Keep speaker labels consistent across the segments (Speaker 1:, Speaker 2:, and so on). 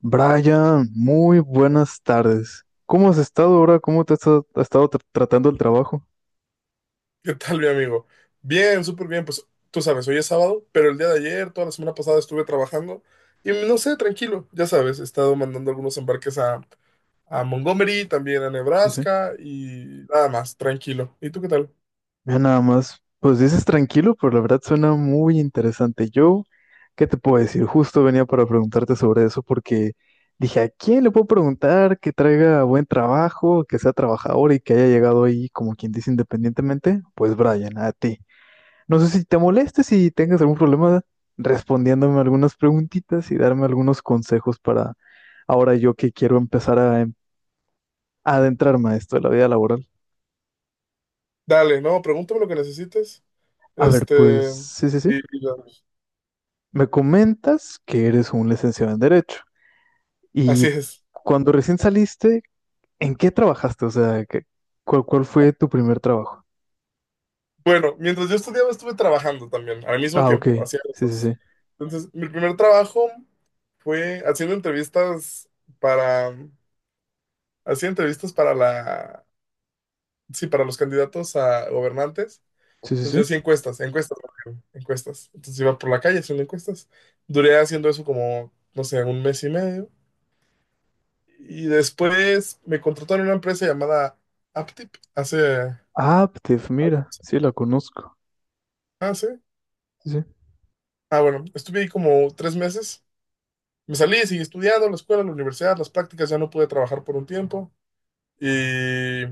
Speaker 1: Brian, muy buenas tardes. ¿Cómo has estado ahora? ¿Cómo te has estado, ha estado tratando el trabajo?
Speaker 2: ¿Qué tal, mi amigo? Bien, súper bien. Pues tú sabes, hoy es sábado, pero el día de ayer, toda la semana pasada estuve trabajando y no sé, tranquilo, ya sabes, he estado mandando algunos embarques a Montgomery, también a
Speaker 1: Sí, sí.
Speaker 2: Nebraska y nada más, tranquilo. ¿Y tú qué tal?
Speaker 1: Mira, nada más, pues dices tranquilo, pero la verdad suena muy interesante. Yo, ¿qué te puedo decir? Justo venía para preguntarte sobre eso porque dije, ¿a quién le puedo preguntar que traiga buen trabajo, que sea trabajador y que haya llegado ahí, como quien dice, independientemente? Pues Brian, a ti. No sé si te molestes si tengas algún problema respondiéndome algunas preguntitas y darme algunos consejos ahora yo que quiero empezar a, a adentrarme a esto de la vida laboral.
Speaker 2: Dale, no, pregúntame lo que necesites.
Speaker 1: A ver, pues
Speaker 2: Este,
Speaker 1: sí, sí, sí.
Speaker 2: y ya.
Speaker 1: Me comentas que eres un licenciado en Derecho
Speaker 2: Así
Speaker 1: y
Speaker 2: es.
Speaker 1: cuando recién saliste, ¿en qué trabajaste? O sea, cuál, cuál fue tu primer trabajo?
Speaker 2: Bueno, mientras yo estudiaba estuve trabajando también, al mismo
Speaker 1: Ah, ok.
Speaker 2: tiempo, hacía los
Speaker 1: Sí, sí,
Speaker 2: dos.
Speaker 1: sí.
Speaker 2: Entonces, mi primer trabajo fue haciendo entrevistas para hacía entrevistas para la, sí, para los candidatos a gobernantes.
Speaker 1: Sí, sí,
Speaker 2: Entonces yo
Speaker 1: sí.
Speaker 2: hacía encuestas, encuestas, Mateo, encuestas. Entonces iba por la calle haciendo encuestas. Duré haciendo eso como, no sé, un mes y medio. Y después me contrataron en una empresa llamada Aptip hace…
Speaker 1: Aptiv, mira, sí, la conozco.
Speaker 2: Ah, sí.
Speaker 1: Sí,
Speaker 2: Ah, bueno, estuve ahí como 3 meses. Me salí, seguí estudiando, la escuela, la universidad, las prácticas, ya no pude trabajar por un tiempo. Y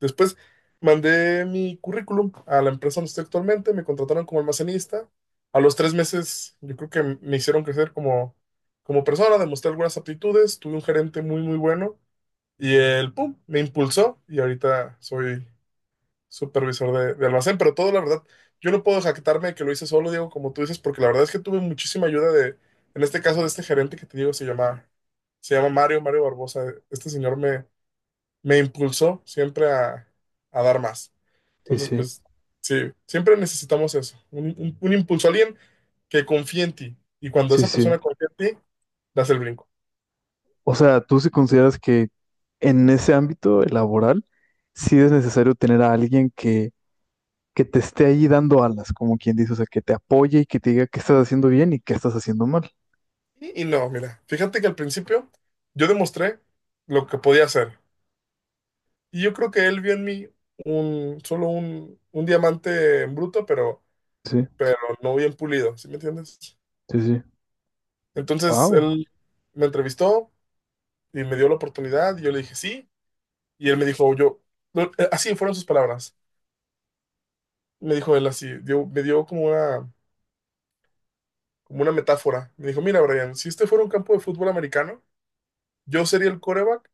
Speaker 2: después mandé mi currículum a la empresa donde estoy actualmente, me contrataron como almacenista. A los 3 meses, yo creo que me hicieron crecer como, como persona, demostré algunas aptitudes, tuve un gerente muy, muy bueno y él, pum, me impulsó y ahorita soy supervisor de almacén, pero todo, la verdad, yo no puedo jactarme de que lo hice solo, Diego, como tú dices, porque la verdad es que tuve muchísima ayuda de, en este caso, de este gerente que te digo, se llama Mario, Mario Barbosa. Este señor me impulsó siempre a dar más.
Speaker 1: sí, sí,
Speaker 2: Entonces,
Speaker 1: sí,
Speaker 2: pues sí, siempre necesitamos eso, un impulso, alguien que confíe en ti. Y cuando
Speaker 1: sí.
Speaker 2: esa
Speaker 1: Sí.
Speaker 2: persona confía en ti, das el brinco.
Speaker 1: O sea, ¿tú sí consideras que en ese ámbito laboral sí es necesario tener a alguien que te esté ahí dando alas, como quien dice, o sea, que te apoye y que te diga qué estás haciendo bien y qué estás haciendo mal?
Speaker 2: Y no, mira, fíjate que al principio yo demostré lo que podía hacer. Y yo creo que él vio en mí solo un diamante en bruto,
Speaker 1: Sí,
Speaker 2: pero no bien pulido, ¿sí me entiendes?
Speaker 1: sí, sí.
Speaker 2: Entonces
Speaker 1: Wow.
Speaker 2: él me entrevistó y me dio la oportunidad y yo le dije sí. Y él me dijo, yo, no, así fueron sus palabras. Me dijo él así, me dio como una metáfora. Me dijo, mira, Brian, si este fuera un campo de fútbol americano, yo sería el quarterback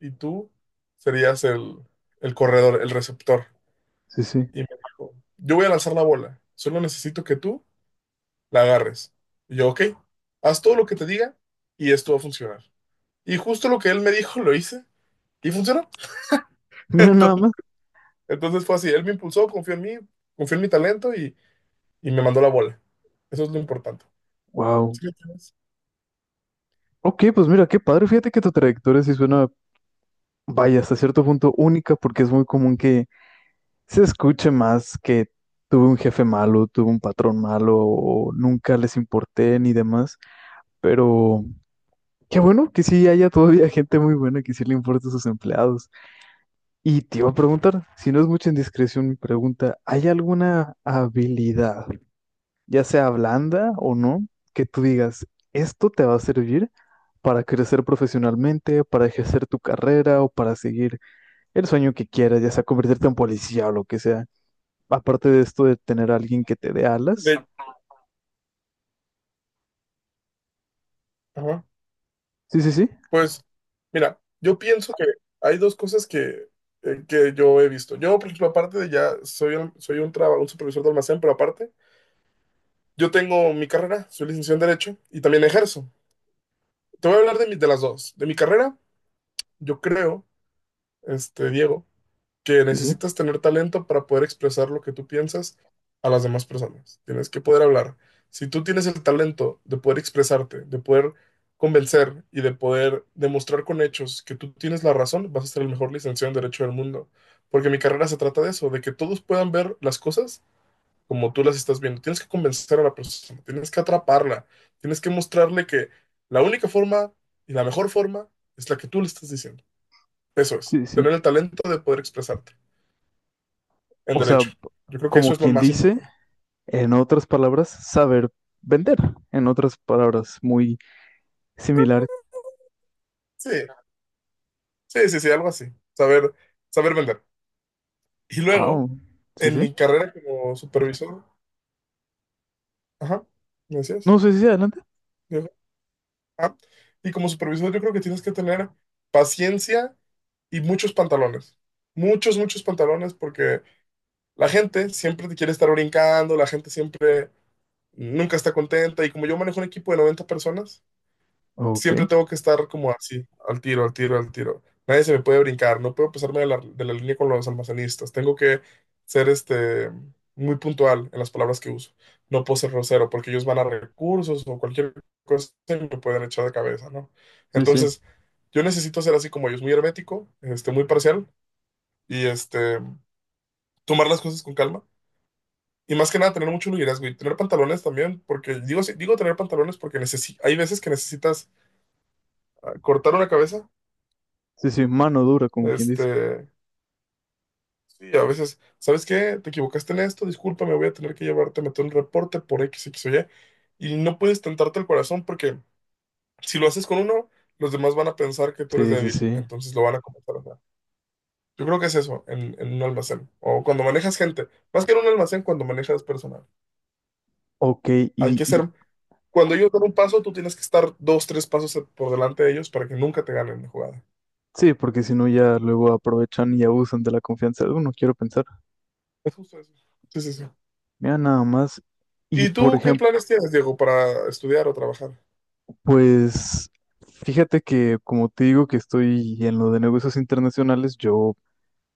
Speaker 2: y tú serías el corredor, el receptor.
Speaker 1: Sí, sí.
Speaker 2: Y me dijo, yo voy a lanzar la bola, solo necesito que tú la agarres. Y yo, ok, haz todo lo que te diga y esto va a funcionar. Y justo lo que él me dijo, lo hice y funcionó.
Speaker 1: Mira nada
Speaker 2: Entonces,
Speaker 1: más.
Speaker 2: entonces fue así, él me impulsó, confió en mí, confió en mi talento y me mandó la bola. Eso es lo importante.
Speaker 1: Wow.
Speaker 2: ¿Sí me entiendes?
Speaker 1: Ok, pues mira, qué padre. Fíjate que tu trayectoria sí suena, vaya, hasta cierto punto única, porque es muy común que se escuche más que tuve un jefe malo, tuve un patrón malo, o nunca les importé ni demás. Pero qué bueno que sí haya todavía gente muy buena que sí le importa a sus empleados. Y te iba a preguntar, si no es mucha indiscreción mi pregunta, ¿hay alguna habilidad, ya sea blanda o no, que tú digas, esto te va a servir para crecer profesionalmente, para ejercer tu carrera o para seguir el sueño que quieras, ya sea convertirte en policía o lo que sea? Aparte de esto de tener a alguien que te dé alas.
Speaker 2: De- ajá.
Speaker 1: Sí, sí, sí.
Speaker 2: Pues, mira, yo pienso que hay dos cosas que yo he visto. Yo, por ejemplo, aparte de ya, soy un supervisor de almacén, pero aparte, yo tengo mi carrera, soy licenciado en Derecho y también ejerzo. Te voy a hablar de las dos. De mi carrera, yo creo, Diego, que
Speaker 1: Sí, sí.
Speaker 2: necesitas tener talento para poder expresar lo que tú piensas a las demás personas. Tienes que poder hablar. Si tú tienes el talento de poder expresarte, de poder convencer y de poder demostrar con hechos que tú tienes la razón, vas a ser el mejor licenciado en Derecho del mundo. Porque mi carrera se trata de eso, de que todos puedan ver las cosas como tú las estás viendo. Tienes que convencer a la persona, tienes que atraparla, tienes que mostrarle que la única forma y la mejor forma es la que tú le estás diciendo. Eso es,
Speaker 1: Sí, sí.
Speaker 2: tener el talento de poder expresarte en
Speaker 1: O sea,
Speaker 2: derecho. Yo creo que eso
Speaker 1: como
Speaker 2: es lo
Speaker 1: quien
Speaker 2: más
Speaker 1: dice,
Speaker 2: importante.
Speaker 1: en otras palabras, saber vender. En otras palabras, muy similar.
Speaker 2: Sí, sí, sí, sí, algo así. Saber, saber vender. Y luego,
Speaker 1: Wow. Sí,
Speaker 2: en
Speaker 1: sí.
Speaker 2: mi carrera como supervisor, ajá, ¿me decías?
Speaker 1: No sé si sí, adelante.
Speaker 2: Yo, ah, y como supervisor yo creo que tienes que tener paciencia y muchos pantalones. Muchos, muchos pantalones porque la gente siempre te quiere estar brincando, la gente siempre nunca está contenta y como yo manejo un equipo de 90 personas,
Speaker 1: Ok,
Speaker 2: siempre tengo que estar como así, al tiro, al tiro, al tiro. Nadie se me puede brincar, no puedo pasarme de la línea con los almacenistas. Tengo que ser muy puntual en las palabras que uso. No puedo ser grosero porque ellos van a recursos o cualquier cosa y me pueden echar de cabeza, ¿no?
Speaker 1: sí, sí,
Speaker 2: Entonces, yo necesito ser así como ellos, muy hermético, muy parcial y tomar las cosas con calma. Y más que nada, tener mucho liderazgo y tener pantalones también, porque digo, digo tener pantalones porque necesi hay veces que necesitas cortar una cabeza.
Speaker 1: sí, sí, mano dura, como quien dice.
Speaker 2: Este, sí, a veces, ¿sabes qué? Te equivocaste en esto, discúlpame, voy a tener que llevarte a meter un reporte por X, X o Y. Y no puedes tentarte el corazón porque si lo haces con uno, los demás van a pensar que tú eres
Speaker 1: Sí, sí,
Speaker 2: débil,
Speaker 1: sí.
Speaker 2: entonces lo van a comenzar a hacer. Yo creo que es eso en un almacén o cuando manejas gente, más que en un almacén, cuando manejas personal.
Speaker 1: Ok.
Speaker 2: Hay
Speaker 1: y,
Speaker 2: que
Speaker 1: y
Speaker 2: ser, cuando ellos dan un paso, tú tienes que estar dos, tres pasos por delante de ellos para que nunca te ganen la jugada.
Speaker 1: sí, porque si no ya luego aprovechan y abusan de la confianza de uno, quiero pensar.
Speaker 2: Es justo eso. Sí, sí, sí.
Speaker 1: Mira, nada más. Y
Speaker 2: ¿Y
Speaker 1: por
Speaker 2: tú qué
Speaker 1: ejemplo,
Speaker 2: planes tienes, Diego, para estudiar o trabajar?
Speaker 1: pues fíjate que como te digo que estoy en lo de negocios internacionales, yo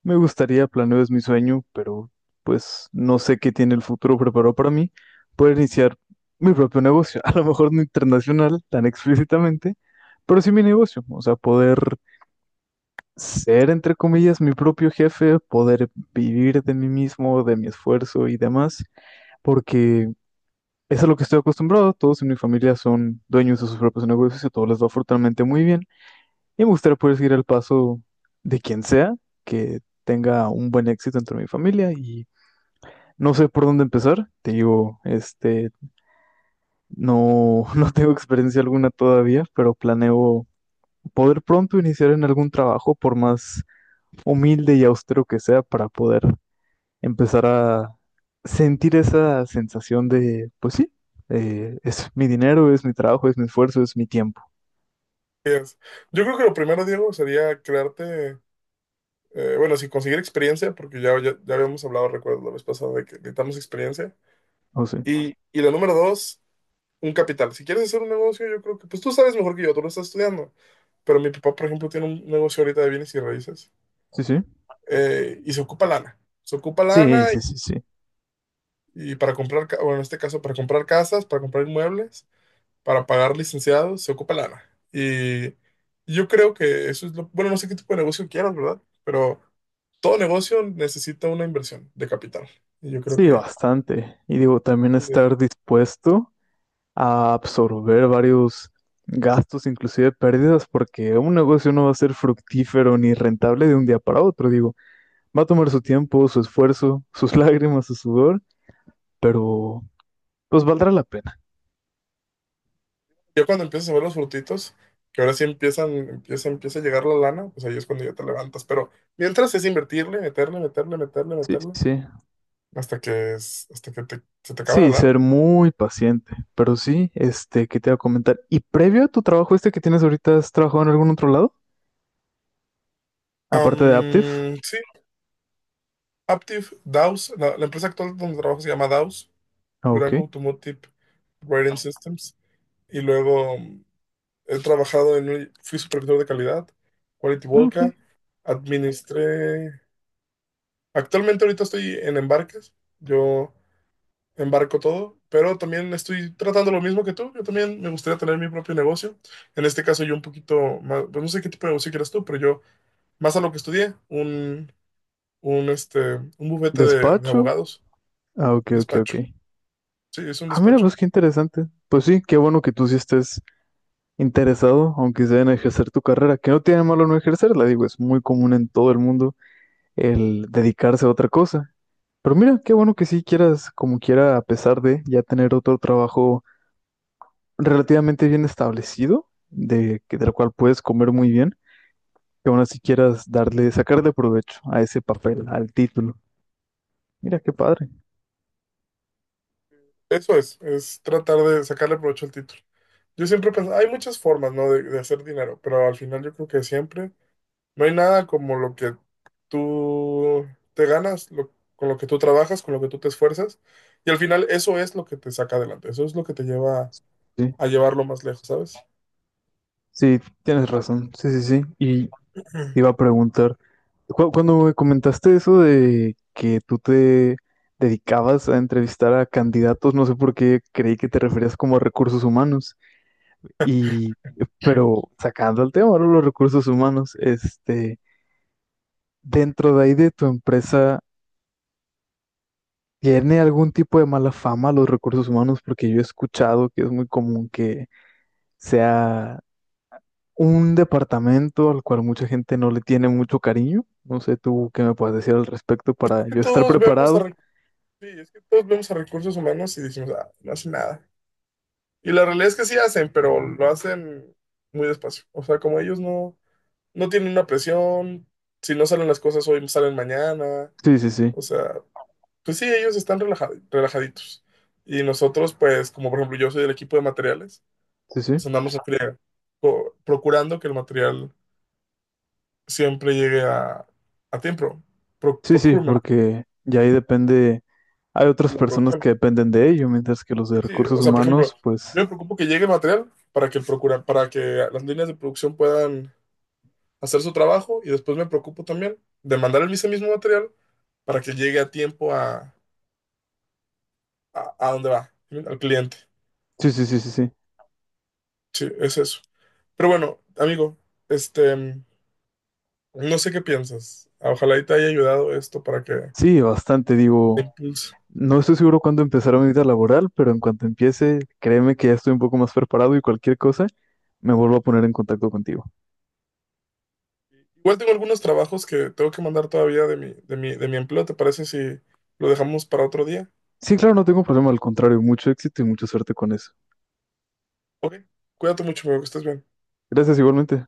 Speaker 1: me gustaría, planeo, es mi sueño, pero pues no sé qué tiene el futuro preparado para mí. Poder iniciar mi propio negocio, a lo mejor no internacional tan explícitamente, pero sí mi negocio. O sea, poder ser, entre comillas, mi propio jefe, poder vivir de mí mismo, de mi esfuerzo y demás, porque eso es a lo que estoy acostumbrado. Todos en mi familia son dueños de sus propios negocios y todo les va afortunadamente muy bien. Y me gustaría poder seguir el paso de quien sea, que tenga un buen éxito dentro de mi familia, y no sé por dónde empezar. Te digo, este, no, no tengo experiencia alguna todavía, pero planeo poder pronto iniciar en algún trabajo, por más humilde y austero que sea, para poder empezar a sentir esa sensación de, pues sí, es mi dinero, es mi trabajo, es mi esfuerzo, es mi tiempo.
Speaker 2: Es. Yo creo que lo primero, Diego, sería crearte, bueno, sí, conseguir experiencia, porque ya habíamos hablado, recuerdo, la vez pasada de que necesitamos experiencia.
Speaker 1: O sea,
Speaker 2: Y la número dos, un capital. Si quieres hacer un negocio, yo creo que, pues tú sabes mejor que yo, tú lo estás estudiando. Pero mi papá, por ejemplo, tiene un negocio ahorita de bienes y raíces,
Speaker 1: sí, sí.
Speaker 2: y se ocupa lana. Se ocupa
Speaker 1: Sí,
Speaker 2: lana
Speaker 1: sí, sí, sí.
Speaker 2: y para comprar, bueno, en este caso, para comprar casas, para comprar inmuebles, para pagar licenciados se ocupa lana. Y yo creo que eso es lo, bueno, no sé qué tipo de negocio quieras, ¿verdad? Pero todo negocio necesita una inversión de capital. Y yo creo
Speaker 1: Sí,
Speaker 2: que
Speaker 1: bastante. Y digo, también
Speaker 2: eh,
Speaker 1: estar dispuesto a absorber varios gastos, inclusive pérdidas, porque un negocio no va a ser fructífero ni rentable de un día para otro. Digo, va a tomar su tiempo, su esfuerzo, sus lágrimas, su sudor, pero pues valdrá la pena.
Speaker 2: ya cuando empiezas a ver los frutitos, que ahora sí empieza a llegar la lana, pues ahí es cuando ya te levantas. Pero mientras es invertirle, meterle, meterle, meterle,
Speaker 1: Sí,
Speaker 2: meterle,
Speaker 1: sí.
Speaker 2: hasta que, es- hasta que te- se te acaba la
Speaker 1: Sí,
Speaker 2: lana.
Speaker 1: ser muy paciente. Pero sí, este, ¿qué te iba a comentar? ¿Y previo a tu trabajo este que tienes ahorita, has trabajado en algún otro lado? Aparte de Aptiv.
Speaker 2: Sí, Aptiv, Daus, la empresa actual donde trabajo se llama Daus.
Speaker 1: Ah,
Speaker 2: Durango
Speaker 1: ok.
Speaker 2: Automotive Rating Systems. Y luego he trabajado fui supervisor de calidad, Quality
Speaker 1: Ah, ok.
Speaker 2: Volca, administré, actualmente ahorita estoy en embarques, yo embarco todo, pero también estoy tratando lo mismo que tú, yo también me gustaría tener mi propio negocio, en este caso yo un poquito más, pues no sé qué tipo de negocio quieras tú, pero yo más a lo que estudié, un, este, un bufete de
Speaker 1: Despacho.
Speaker 2: abogados,
Speaker 1: Ah, ok, ok, ok.
Speaker 2: despacho, sí, es un
Speaker 1: Ah, mira,
Speaker 2: despacho.
Speaker 1: pues qué interesante. Pues sí, qué bueno que tú sí estés interesado, aunque sea en ejercer tu carrera, que no tiene malo no ejercerla, digo, es muy común en todo el mundo el dedicarse a otra cosa. Pero mira, qué bueno que sí quieras, como quiera, a pesar de ya tener otro trabajo relativamente bien establecido, de, del cual puedes comer muy bien, que aún así quieras darle, sacarle provecho a ese papel, al título. Mira, qué padre.
Speaker 2: Eso es tratar de sacarle provecho al título. Yo siempre pensé, hay muchas formas, ¿no?, de hacer dinero, pero al final yo creo que siempre no hay nada como lo que tú te ganas, con lo que tú trabajas, con lo que tú te esfuerzas, y al final eso es lo que te saca adelante, eso es lo que te lleva
Speaker 1: Sí,
Speaker 2: a llevarlo más lejos, ¿sabes?
Speaker 1: sí, tienes razón. Sí, sí, sí. Y te iba a preguntar, cuando me comentaste eso de que tú te dedicabas a entrevistar a candidatos, no sé por qué creí que te referías como a recursos humanos. Y, pero sacando el tema, ahora los recursos humanos, este, dentro de ahí de tu empresa, ¿tiene algún tipo de mala fama los recursos humanos? Porque yo he escuchado que es muy común que sea un departamento al cual mucha gente no le tiene mucho cariño. No sé tú qué me puedes decir al respecto
Speaker 2: Es
Speaker 1: para
Speaker 2: que
Speaker 1: yo estar
Speaker 2: todos vemos a,
Speaker 1: preparado.
Speaker 2: recu- Sí, es que todos vemos a recursos humanos y decimos, ah, no hacen nada. Y la realidad es que sí hacen, pero lo hacen muy despacio. O sea, como ellos no, no tienen una presión, si no salen las cosas hoy, salen mañana,
Speaker 1: Sí, sí, sí,
Speaker 2: o sea, pues sí, ellos están relajaditos. Y nosotros, pues, como por ejemplo yo soy del equipo de materiales,
Speaker 1: sí, sí.
Speaker 2: pues andamos en friega, procurando que el material siempre llegue a tiempo.
Speaker 1: Sí, sí,
Speaker 2: Procurement,
Speaker 1: porque ya ahí depende, hay otras
Speaker 2: la
Speaker 1: personas
Speaker 2: producción.
Speaker 1: que dependen de ello, mientras que los de
Speaker 2: Sí, sí, o
Speaker 1: recursos
Speaker 2: sea, por ejemplo,
Speaker 1: humanos, pues,
Speaker 2: yo me preocupo que llegue el material para que para que las líneas de producción puedan hacer su trabajo y después me preocupo también de mandar el ese mismo material para que llegue a tiempo a dónde va, al cliente.
Speaker 1: sí, sí, sí, sí, sí.
Speaker 2: Sí, es eso. Pero bueno, amigo, este, mm, no sé qué piensas. Ojalá y te haya ayudado esto para que
Speaker 1: Sí, bastante,
Speaker 2: te
Speaker 1: digo,
Speaker 2: impulse.
Speaker 1: no estoy seguro cuándo empezará mi vida laboral, pero en cuanto empiece, créeme que ya estoy un poco más preparado y cualquier cosa, me vuelvo a poner en contacto contigo.
Speaker 2: Igual tengo algunos trabajos que tengo que mandar todavía de mi empleo. ¿Te parece si lo dejamos para otro día?
Speaker 1: Sí, claro, no tengo problema, al contrario, mucho éxito y mucha suerte con eso.
Speaker 2: Ok, cuídate mucho, amigo, que estés bien.
Speaker 1: Gracias igualmente.